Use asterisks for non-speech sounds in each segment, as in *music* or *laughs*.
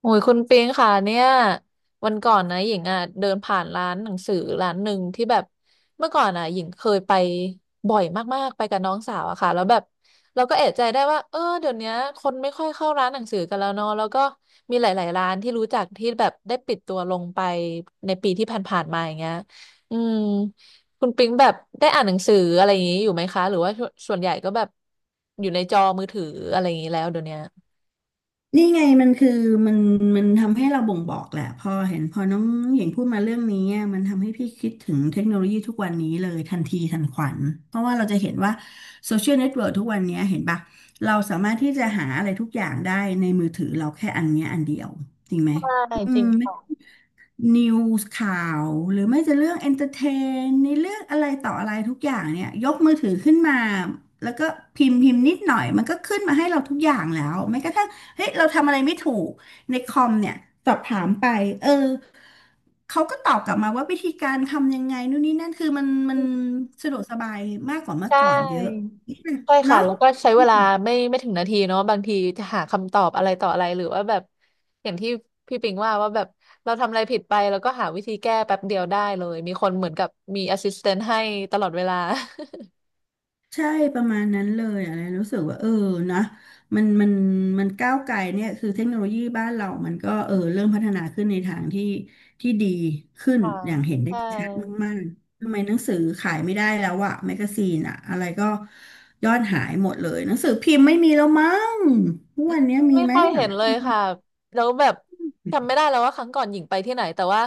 โอ้ยคุณปิงค่ะเนี่ยวันก่อนนะหญิงอ่ะเดินผ่านร้านหนังสือร้านหนึ่งที่แบบเมื่อก่อนอ่ะหญิงเคยไปบ่อยมากๆไปกับน้องสาวอะค่ะแล้วแบบเราก็เอะใจได้ว่าเออเดี๋ยวเนี้ยคนไม่ค่อยเข้าร้านหนังสือกันแล้วเนาะแล้วก็มีหลายๆร้านที่รู้จักที่แบบได้ปิดตัวลงไปในปีที่ผ่านๆมาอย่างเงี้ยอืมคุณปิงแบบได้อ่านหนังสืออะไรอย่างงี้อยู่ไหมคะหรือว่าส่วนใหญ่ก็แบบอยู่ในจอมือถืออะไรอย่างงี้แล้วเดี๋ยวเนี้ยนี่ไงมันคือมันมันทำให้เราบ่งบอกแหละพอเห็นพอน้องหญิงพูดมาเรื่องนี้อะมันทำให้พี่คิดถึงเทคโนโลยีทุกวันนี้เลยทันทีทันขวัญเพราะว่าเราจะเห็นว่าโซเชียลเน็ตเวิร์กทุกวันนี้เห็นปะเราสามารถที่จะหาอะไรทุกอย่างได้ในมือถือเราแค่อันเนี้ยอันเดียวจริงไหมใช่อืจริม งค่ะ นิวส์ข่าวหรือไม่จะเรื่องเอนเตอร์เทนในเรื่องอะไรต่ออะไรทุกอย่างเนี่ยยกมือถือขึ้นมาแล้วก็พิมพ์นิดหน่อยมันก็ขึ้นมาให้เราทุกอย่างแล้วแม้กระทั่งเฮ้ยเราทำอะไรไม่ถูกในคอมเนี่ยสอบถามไปเออเขาก็ตอบกลับมาว่าวิธีการทำยังไงนู่นนี่นั่นคือมันสะดวกสบายมากกว่าเมื่ใชอก่อนเยอะ่ใช่ค่ะเนาะ แล้วก็ใช้เวลาไม่ถึงนาทีเนาะบางทีจะหาคำตอบอะไรต่ออะไรหรือว่าแบบอย่างที่พี่ปิงว่าแบบเราทำอะไรผิดไปแล้วก็หาวิธีแก้แป๊บเดียวได้เลยมีคนเหมือนกับมีแอสซิสแตนต์ให้ตลอดเวลา ใช่ประมาณนั้นเลยอะไรรู้สึกว่าเออนะมันมันมันก้าวไกลเนี่ยคือเทคโนโลยีบ้านเรามันก็เออเริ่มพัฒนาขึ้นในทางที่ที่ดีขึ้ *laughs* นค่ะอย่างเห็นได้ใช่ ชัดมากๆ ทำไมหนังสือขายไม่ได้แล้วอะแมกกาซีนอะอะไรก็ยอดหายหมดเลยหนังสือพิมพ์ไม่มีแล้วมั้งทุกอืวันมเนี้ยมีไม่ไหมค่อยอะเห็นเลยค่ะแล้วแบบจำไม่ได้แล้วว่าครั้งก่อนหญิงไปที่ไหนแต่ว่า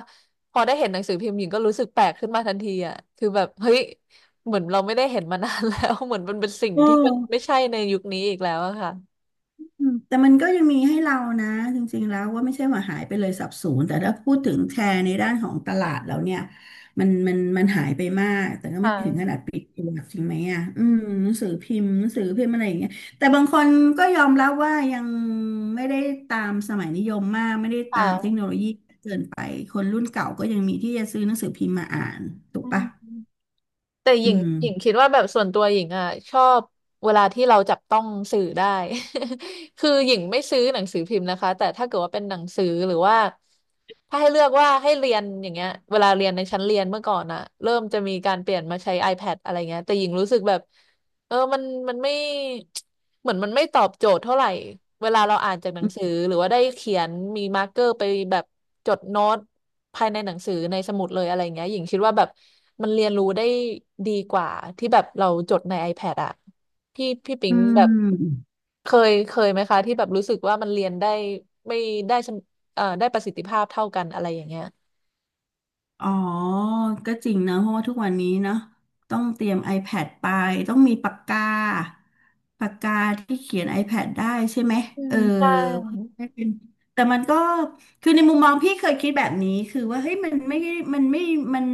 พอได้เห็นหนังสือพิมพ์หญิงก็รู้สึกแปลกขึ้นมาทันทีอ่ะคือแบบเฮ้ยเหมือนเราไม่ได้เห็นมานานแล้ว *laughs* เหมือนมันเป็นสิ่งเอที่มันไม่อ ใช่ในยุคนี้อีกแล้วอะค่ะอืมแต่มันก็ยังมีให้เรานะจริงๆแล้วว่าไม่ใช่ว่าหายไปเลยสับสูญแต่ถ้าพูดถึงแชร์ในด้านของตลาดแล้วเนี่ยมันหายไปมากแต่ก็คไม่ถึงขนา่ะดปิดตัวจริงไหมอ่ะอืมหนังสือพิมพ์อะไรอย่างเงี้ยแต่บางคนก็ยอมรับว่ายังไม่ได้ตามสมัยนิยมมากไม่ได้ค่ตามเทคโนโละยีเกินไปคนรุ่นเก่าก็ยังมีที่จะซื้อหนังสือพิมพ์มาอ่านถูกอืม ปะแต่หอืญิงมหญิงคิดว่าแบบส่วนตัวหญิงอ่ะชอบเวลาที่เราจับต้องสื่อได้ *laughs* คือหญิงไม่ซื้อหนังสือพิมพ์นะคะแต่ถ้าเกิดว่าเป็นหนังสือหรือว่าถ้าให้เลือกว่าให้เรียนอย่างเงี้ยเวลาเรียนในชั้นเรียนเมื่อก่อนอ่ะเริ่มจะมีการเปลี่ยนมาใช้ iPad อะไรเงี้ยแต่หญิงรู้สึกแบบ เออมันไม่ *tsk* เหมือนมันไม่ตอบโจทย์เท่าไหร่ เวลาเราอ่านจากหนังสือหรือว่าได้เขียนมีมาร์กเกอร์ไปแบบจดโน้ตภายในหนังสือในสมุดเลยอะไรเงี้ยหญิงคิดว่าแบบมันเรียนรู้ได้ดีกว่าที่แบบเราจดใน iPad อะพี่ปิอืงแบบม เคยไหมคะที่แบบรู้สึกว่ามันเรียนได้ไม่ได้สมได้ประสิทธิภาพเท่ากันอะไรอย่างเงี้ยอ๋อ ก็จริงนะเพราะว่าทุกวันนี้เนอะต้องเตรียม iPad ไปต้องมีปากกาที่เขียน iPad ได้ใช่ไหมอืเอมใช่อไม่เป็นแต่มันก็คือในมุมมองพี่เคยคิดแบบนี้คือว่าเฮ้ยมันไม่มัน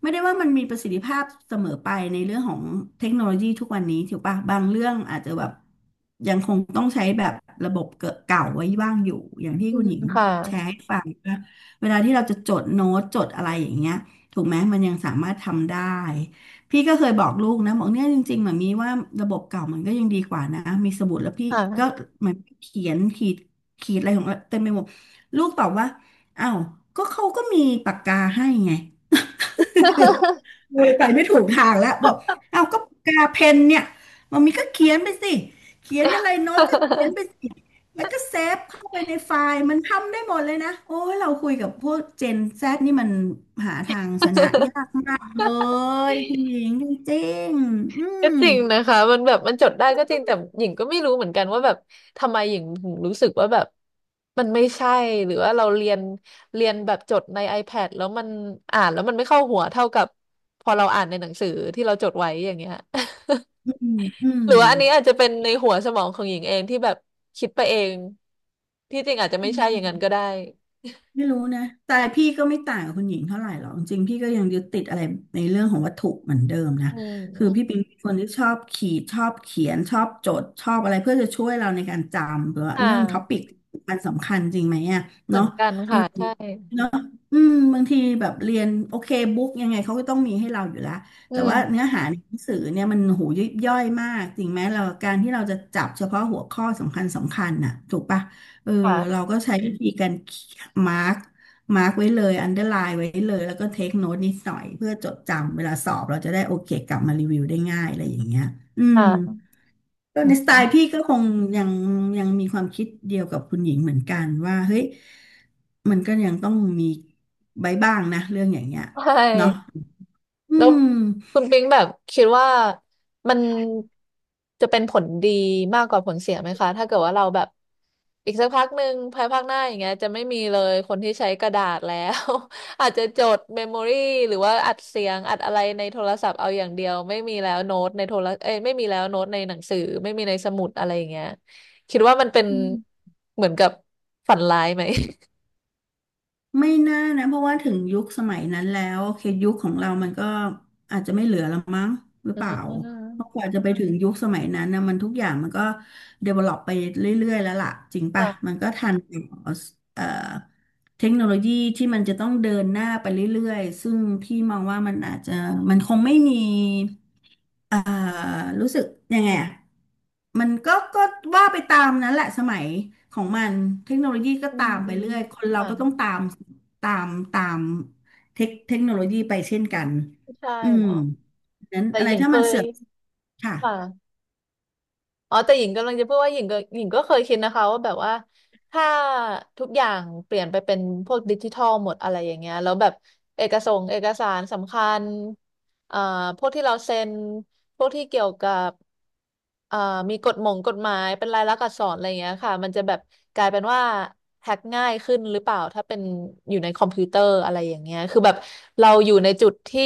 ไม่ได้ว่ามันมีประสิทธิภาพเสมอไปในเรื่องของเทคโนโลยีทุกวันนี้ถูกปะบางเรื่องอาจจะแบบยังคงต้องใช้แบบระบบเก่าไว้บ้างอยู่อย่างที่อืคุณมหญิงคแชร์่ะให้ฟัง เวลาที่เราจะจดโน้ตจดอะไรอย่างเงี้ยถูกไหมมันยังสามารถทำได้พี่ก็เคยบอกลูกนะบอกเนี่ยจริงๆหมนมีว่าระบบเก่ามันก็ยังดีกว่านะมีสมุดแล้วพี่ก็ค่ะ เหมือนเขียนขีดอะไรของเราเต็มไปหมดลูกตอบว่าอ้าวก็เขาก็มีปากกาให้ไง *laughs* เลยไปไม่ถูกทางแล้วบอกเอาก็ปากกาเพนเนี่ยมันมีก็เขียนไปสิเขียนอะไรโน้ตก็เขียนไปสิแล้วก็เซฟเข้าไปในไฟล์มันทำได้หมดเลยนะโอ้ยเราคุยกับพวกเจนแซดนี่มันหาทางชนะยา *laughs* กมากเลยพี่หญิงจริงๆก็จริงนะคะมันแบบมันจดได้ก็จริงแต่หญิงก็ไม่รู้เหมือนกันว่าแบบทำไมหญิงถึงรู้สึกว่าแบบมันไม่ใช่หรือว่าเราเรียนแบบจดใน iPad แล้วมันอ่านแล้วมันไม่เข้าหัวเท่ากับพอเราอ่านในหนังสือที่เราจดไว้อย่างเงี้ย อืมอื *laughs* หรือว่าอันนี้อาจจะเป็นในหัวสมองของหญิงเองที่แบบคิดไปเองที่จริงอาจจะไม่ใช่อย่างนั้นม ก็ได้ไม่รู้นะแต่พี่ก็ไม่ต่างกับคุณหญิงเท่าไหร่หรอกจริงๆพี่ก็ยังยึดติดอะไรในเรื่องของวัตถุเหมือนเดิมนะ อืคือพี่ปิมงเป็นคนที่ชอบขีดชอบเขียนชอบจดชอบอะไรเพื่อจะช่วยเราในการจำหรือว่าค่เรื่องท็อปิะกมันสำคัญจริงไหมอ่ะเหมือเนาะนกันเออค่ะใช่เนาะอืมบางทีแบบเรียนโอเคบุ๊กยังไงเขาก็ต้องมีให้เราอยู่แล้ว อืแต่ว่าเนื้อมหาในหนังสือเนี่ยมันหูยิบย่อยมากจริงไหมเราการที่เราจะจับเฉพาะหัวข้อสำคัญน่ะถูกปะ เออเราค่ะก็ใช้วิธีการมาร์กมาร์กไว้เลยอันเดอร์ไลน์ไว้เลยแล้วก็เทคโน้ตนิดหน่อยเพื่อจดจำเวลาสอบเราจะได้โอเคกลับมารีวิวได้ง่ายอะไรอย่างเงี้ยอืมค่ะก็ในสไตล์พี่ก็คงยังยังมีความคิดเดียวกับคุณหญิงเหมือนกันว่าเฮ้ยมันก็ยังต้องมีใบบ้างนะเรื่องอย่างเงี้ยใชเนาะ่ อืแล้วม คุณปิงแบบคิดว่ามันจะเป็นผลดีมากกว่าผลเสียไหมคะถ้าเกิดว่าเราแบบอีกสักพักหนึ่งภายภาคหน้าอย่างเงี้ยจะไม่มีเลยคนที่ใช้กระดาษแล้ว *laughs* อาจจะจดเมมโมรี่หรือว่าอัดเสียงอัดอะไรในโทรศัพท์เอาอย่างเดียวไม่มีแล้วโน้ตในโทรเอ้ยไม่มีแล้วโน้ตในหนังสือไม่มีในสมุดอะไรอย่างเงี้ยคิดว่ามันเป็นเหมือนกับฝันร้ายไหม ไม่น่านะเพราะว่าถึงยุคสมัยนั้นแล้วโอเคยุคของเรามันก็อาจจะไม่เหลือละมั้งหรือเปล่า *laughs* อืเพราะกมว่าจะไปถึงยุคสมัยนั้นนะมันทุกอย่างมันก็ develop ไปเรื่อยๆแล้วล่ะจริงปะค่ะมันก็ทันกับเอ่อเทคโนโลยีที่มันจะต้องเดินหน้าไปเรื่อยๆซึ่งพี่มองว่ามันอาจจะมันคงไม่มี อ่ารู้สึกยังไงอะมันก็ก็ว่าไปตามนั้นแหละสมัยของมันเทคโนโลยีก็อืตามมไปเรื่อย คนเราค่ะก็ต้องตามตามตามเทคโนโลยีไปเช่นกันใช่อืมเนาะนั้นแต่อะไรหญิงถ้าเคมันย เสื่อมค่ะค่ะอ๋อ แต่หญิงกำลังจะพูดว่าหญิงก็เคยคิดนะคะว่าแบบว่าถ้าทุกอย่างเปลี่ยนไปเป็นพวกดิจิทัลหมดอะไรอย่างเงี้ยแล้วแบบเอกสงเอกสารสำคัญ เอ่อพวกที่เราเซ็นพวกที่เกี่ยวกับเอ่อมีกฎหมงกฎหมายเป็นลายลักษณ์อักษรอะไรอย่างเงี้ยค่ะมันจะแบบกลายเป็นว่าแฮ็กง่ายขึ้นหรือเปล่าถ้าเป็นอยู่ในคอมพิวเตอร์อะไรอย่างเงี้ยคือแบบเราอยู่ในจุดที่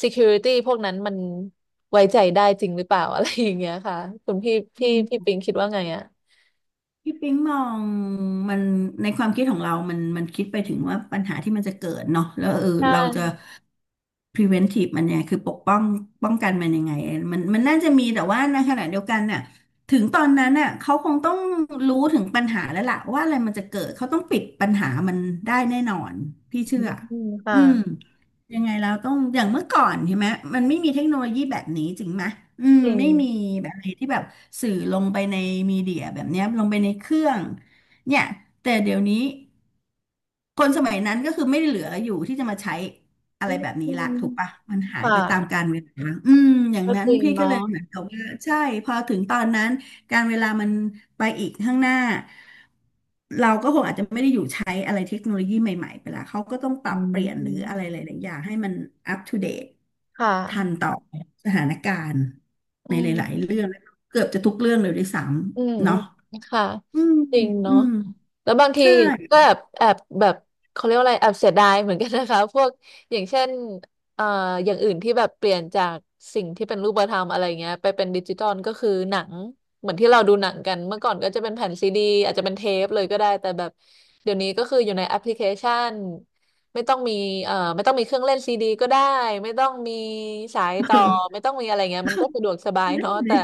security พวกนั้นมันไว้ใจได้จริงหรือเปล่า *laughs* อะไรอย่างเงี้ยค่ะคุณพี่อืพี่พี่ม ปิงคิดว่าไงอ่ะพี่ปิ๊งมองมันในความคิดของเรามันคิดไปถึงว่าปัญหาที่มันจะเกิดเนาะแล้วเออใชเราจะ ่ preventive มันเนี่ยคือปกป้องป้องกันมันยังไงมันน่าจะมีแต่ว่าในขณะเดียวกันน่ะถึงตอนนั้นน่ะเขาคงต้องรู้ถึงปัญหาแล้วล่ะว่าอะไรมันจะเกิดเขาต้องปิดปัญหามันได้แน่นอนพี่เชื่อือมค่ะอืมยังไงเราต้องอย่างเมื่อก่อนใช่ไหมมันไม่มีเทคโนโลยีแบบนี้จริงไหมอืมจริงไม่มีแบบไหนที่แบบ สื่อลงไปในมีเดียแบบเนี้ยลงไปในเครื่องเนี่ยแต่เดี๋ยวนี้ คนสมัยนั้นก็คือไม่ได้เหลืออยู่ที่จะมาใช้อะอืไรแบบนี้ละมถูกปะมันหายค่ะไปตามกาลเวลาอืมอย่างก็นั้นจริงพี่ก็เลยเนาะเหมือนกับว่าใช่พอถึงตอนนั้นการเวลามันไปอีกข้างหน้าเราก็คงอาจจะไม่ได้อยู่ใช้อะไรเทคโนโลยีใหม่ๆไปละเขาก็ต้องปรัอืบเปลี่ยนหรืออะมไรหลายๆอย่างให้มันอัปทูเดตค่ทันะ ต่อสถานการณ์อืในหลายๆเรื่อมงเกือบจะทุกเรื่องเลยด้วยซ้อืมำอืเนาะมค่ะอืมจริงอืเนาะมแล้วบางทีใช่ ก็แอบแบบเขาเรียกว่าอะไร แอบเสียดายเหมือนกันนะคะ *laughs* พวกอย่างเช่นเอ่ออย่างอื่นที่แบบเปลี่ยนจากสิ่งที่เป็นรูปธรรมอะไรเงี้ยไปเป็นดิจิตอลก็คือหนังเหมือนที่เราดูหนังกันเมื่อก่อนก็จะเป็นแผ่นซีดีอาจจะเป็นเทปเลยก็ได้แต่แบบเดี๋ยวนี้ก็คืออยู่ในแอปพลิเคชัน ไม่ต้องมีไม่ต้องมีเครื่องเล่นซีดีก็ได้ ไม่ต้องมีสาย *laughs* ต่อ เออไม่ต้องมีอะไรเงี้ยมันก็สะดวกสบายนั่นเนาะเลแต่ย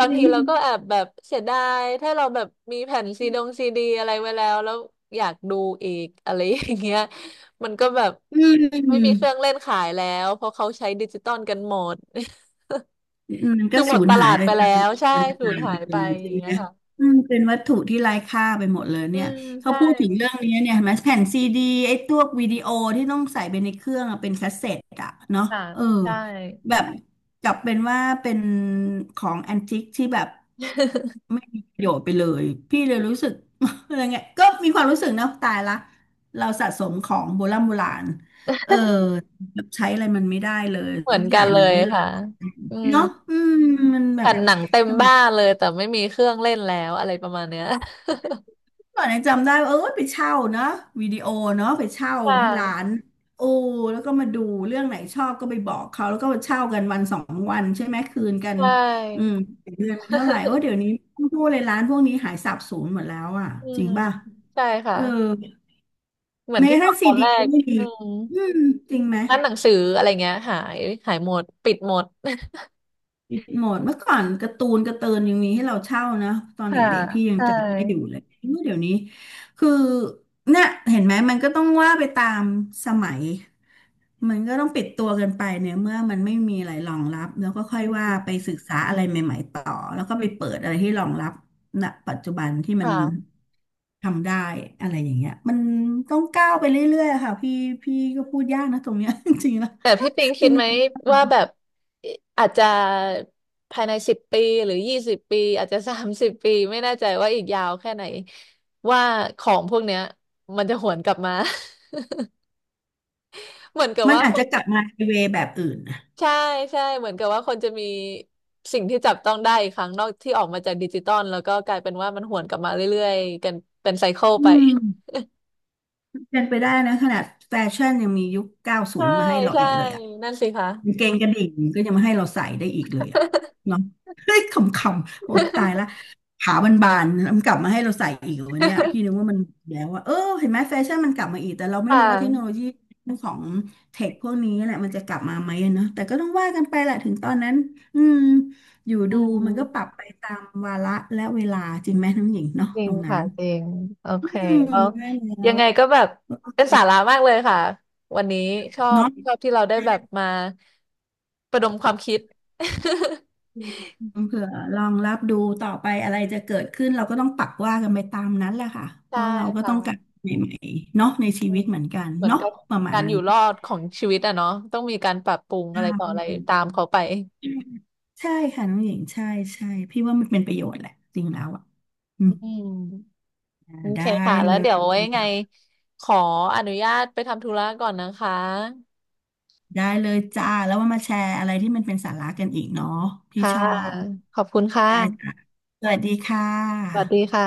จางริทีง เราก็แอบแบบเสียดายถ้าเราแบบมีแผ่นซีดงซีดีอะไรไว้แล้วอยากดูอีกอะไรอย่างเงี้ยมันก็แบบอืไม่มีเครื่องม เล่นขายแล้ว เพราะเขาใช้ดิจิตอลกันหมด มัน *laughs* ก็คือหมสูดญตหาลายดไปไปตาแล้มว ใช่การสูตาญยหาไปยเลไปยอใช่ย่างเงี้ไหมยค่ะ อืมเป็นวัตถุที่ไร้ค่าไปหมดเลยอืเนี่ยมเขาใช่พูดถึงเรื่องนี้เนี่ยเห็นไหมแผ่นซีดีไอ้ตัววิดีโอที่ต้องใส่ไปในเครื่องอะเป็นคาสเซ็ตอะเนาะค่ะเออใช่ แบบกลับเป็นว่าเป็นของแอนติกที่แบบ *laughs* ไม่มีประโยชน์ไปเลยพี่เลยรู้สึก *laughs* อะไรเงี้ยก็มีความรู้สึกนะตายละเราสะสมของโบราณโบราณเออแบบใช้อะไรมันไม่ได้เลยเหมือทุนกอกัย่านงเลมันยไม่รัก ค่ะอืม เนาะอืมมันแบแผ่บนหนังเต็มสมัยบ้านเลยแต่ไม่มีเครื่องเล่นแล้วอะไรประมาณเนี้ย ก่อนเนี่ยจำได้ว่าเออไปเช่าเนาะวิดีโอเนาะไปเช่า *laughs* ค่ที่ร้านะโอ้แล้วก็มาดูเรื่องไหนชอบก็ไปบอกเขาแล้วก็เช่ากันวันสองวันใช่ไหมคืนกันใช่ อืมเดือนเป็นเท่าไหร่ว่า *laughs* เดี๋ยวนี้ต้องพูดเลยร้านพวกนี้หายสาบสูญหมดแล้วอ่ะอืจริงมป่ะใช่ค่ะเออเหมือนแม้กที่ระบอทั่งกตซีอนดีแรก็กไม่มีอืมอืมจริงไหม ร้านหนังสืออะไรเงี้ยหายหายหมดปิดหมด ปิดหมดเมื่อก่อนการ์ตูนยังมีให้เราเช่านะตอ *laughs* นค่ะเด็กๆพี่ยัใชงจำได้อยู่เล่ยเมื่อเดี๋ยวนี้คือเนี่ยเห็นไหมมันก็ต้องว่าไปตามสมัยมันก็ต้องปิดตัวกันไปเนี่ยเมื่อมันไม่มีอะไรรองรับแล้วก็ค่อยอืว่าไปมศึกษาอะไรใหม่ๆต่อแล้วก็ไปเปิดอะไรที่รองรับณปัจจุบันที่มันค่ะทำได้อะไรอย่างเงี้ยมันต้องก้าวไปเรื่อยๆอะค่ะพี่ก็พูดยากนะตรงเนี้ย *laughs* จริงๆแล้วแต่พี่ปิงคิดไหมว่าแบบอาจจะภายในสิบปีหรือ20 ปีอาจจะ30 ปีไม่แน่ใจว่าอีกยาวแค่ไหนว่าของพวกเนี้ยมันจะหวนกลับมา *laughs* เหมือนกับมันว่า อาจจะกลับมาในเวแบบอื่นนะใช่ใช่เหมือนกับว่าคนจะมีสิ่งที่จับต้องได้อีกครั้งนอกที่ออกมาจากดิจิตอลแล้วก็กลายเป็นว่ามันหวนกลับมาเรื่อยๆกันเป็นไซเคิลอืไปม เป็นไปได้นะขนาดแฟชั่นยังมียุค 90ใช่มาให้เราใช่อีกเลยอ่ะนั่นสิคะ กางเกงกระดิ่งก็ยังมาให้เราใส่ได้อีกเลยอ่ะเนาะ *laughs* เฮ้ยขำๆ โอ้ตาย *laughs* ละขาบานๆมันกลับมาให้เราใส่อีกเหรอวันเนี้ยพี่นึกว่ามันแล้วว่า เออเห็นไหมแฟชั่นมันกลับมาอีกแต่เราไม่ค่รู้ว่าเทคโนโละยีของเทคพวกนี้แหละมันจะกลับมาไหมอะเนาะแต่ก็ต้องว่ากันไปแหละถึงตอนนั้นอืมอยู่อืดูมันก็ปรับมไปตามวาระและเวลาจริงไหมน้องหญิงเนาะจริตงรงนั้ค่ะนจริงโออืเคมแล้วได้แล้ยัวงไงก็แบบเป็นสาระเมากเลยค่ะวันนี้ชอบนาะ ชอบที่เราได้แบบมาประดมความคิด เผื่อลองรับดูต่อไปอะไรจะเกิดขึ้นเราก็ต้องปักว่ากันไปตามนั้นแหละค่ะ *laughs* เพใช่ราะเราก็ต้องการค่ะ ใหม่ๆเนาะในชีอืวิตมเหมือนกันเหมือนเนาะกับประมากาณรอนี้ยู่รอดของชีวิตอะเนาะต้องมีการปรับปรุงใชอะไรต่ออะไร่ตามเขาไปใช่ค่ะน้องหญิงใช่ใช่พี่ว่ามันเป็นประโยชน์แหละจริงแล้วอ่ะอืมอืมโอเคได้ค่ะแล้เลวยเดี๋ยวไว้ยังไงขออนุญาตไปทำธุระก่อนนะคะได้เลยจ้าแล้วว่ามาแชร์อะไรที่มันเป็นสาระกันอีกเนาะพี่ค่ะชอบขอบคุณค่ะได้จ้ะสวัสดีค่ะสวัสดีค่ะ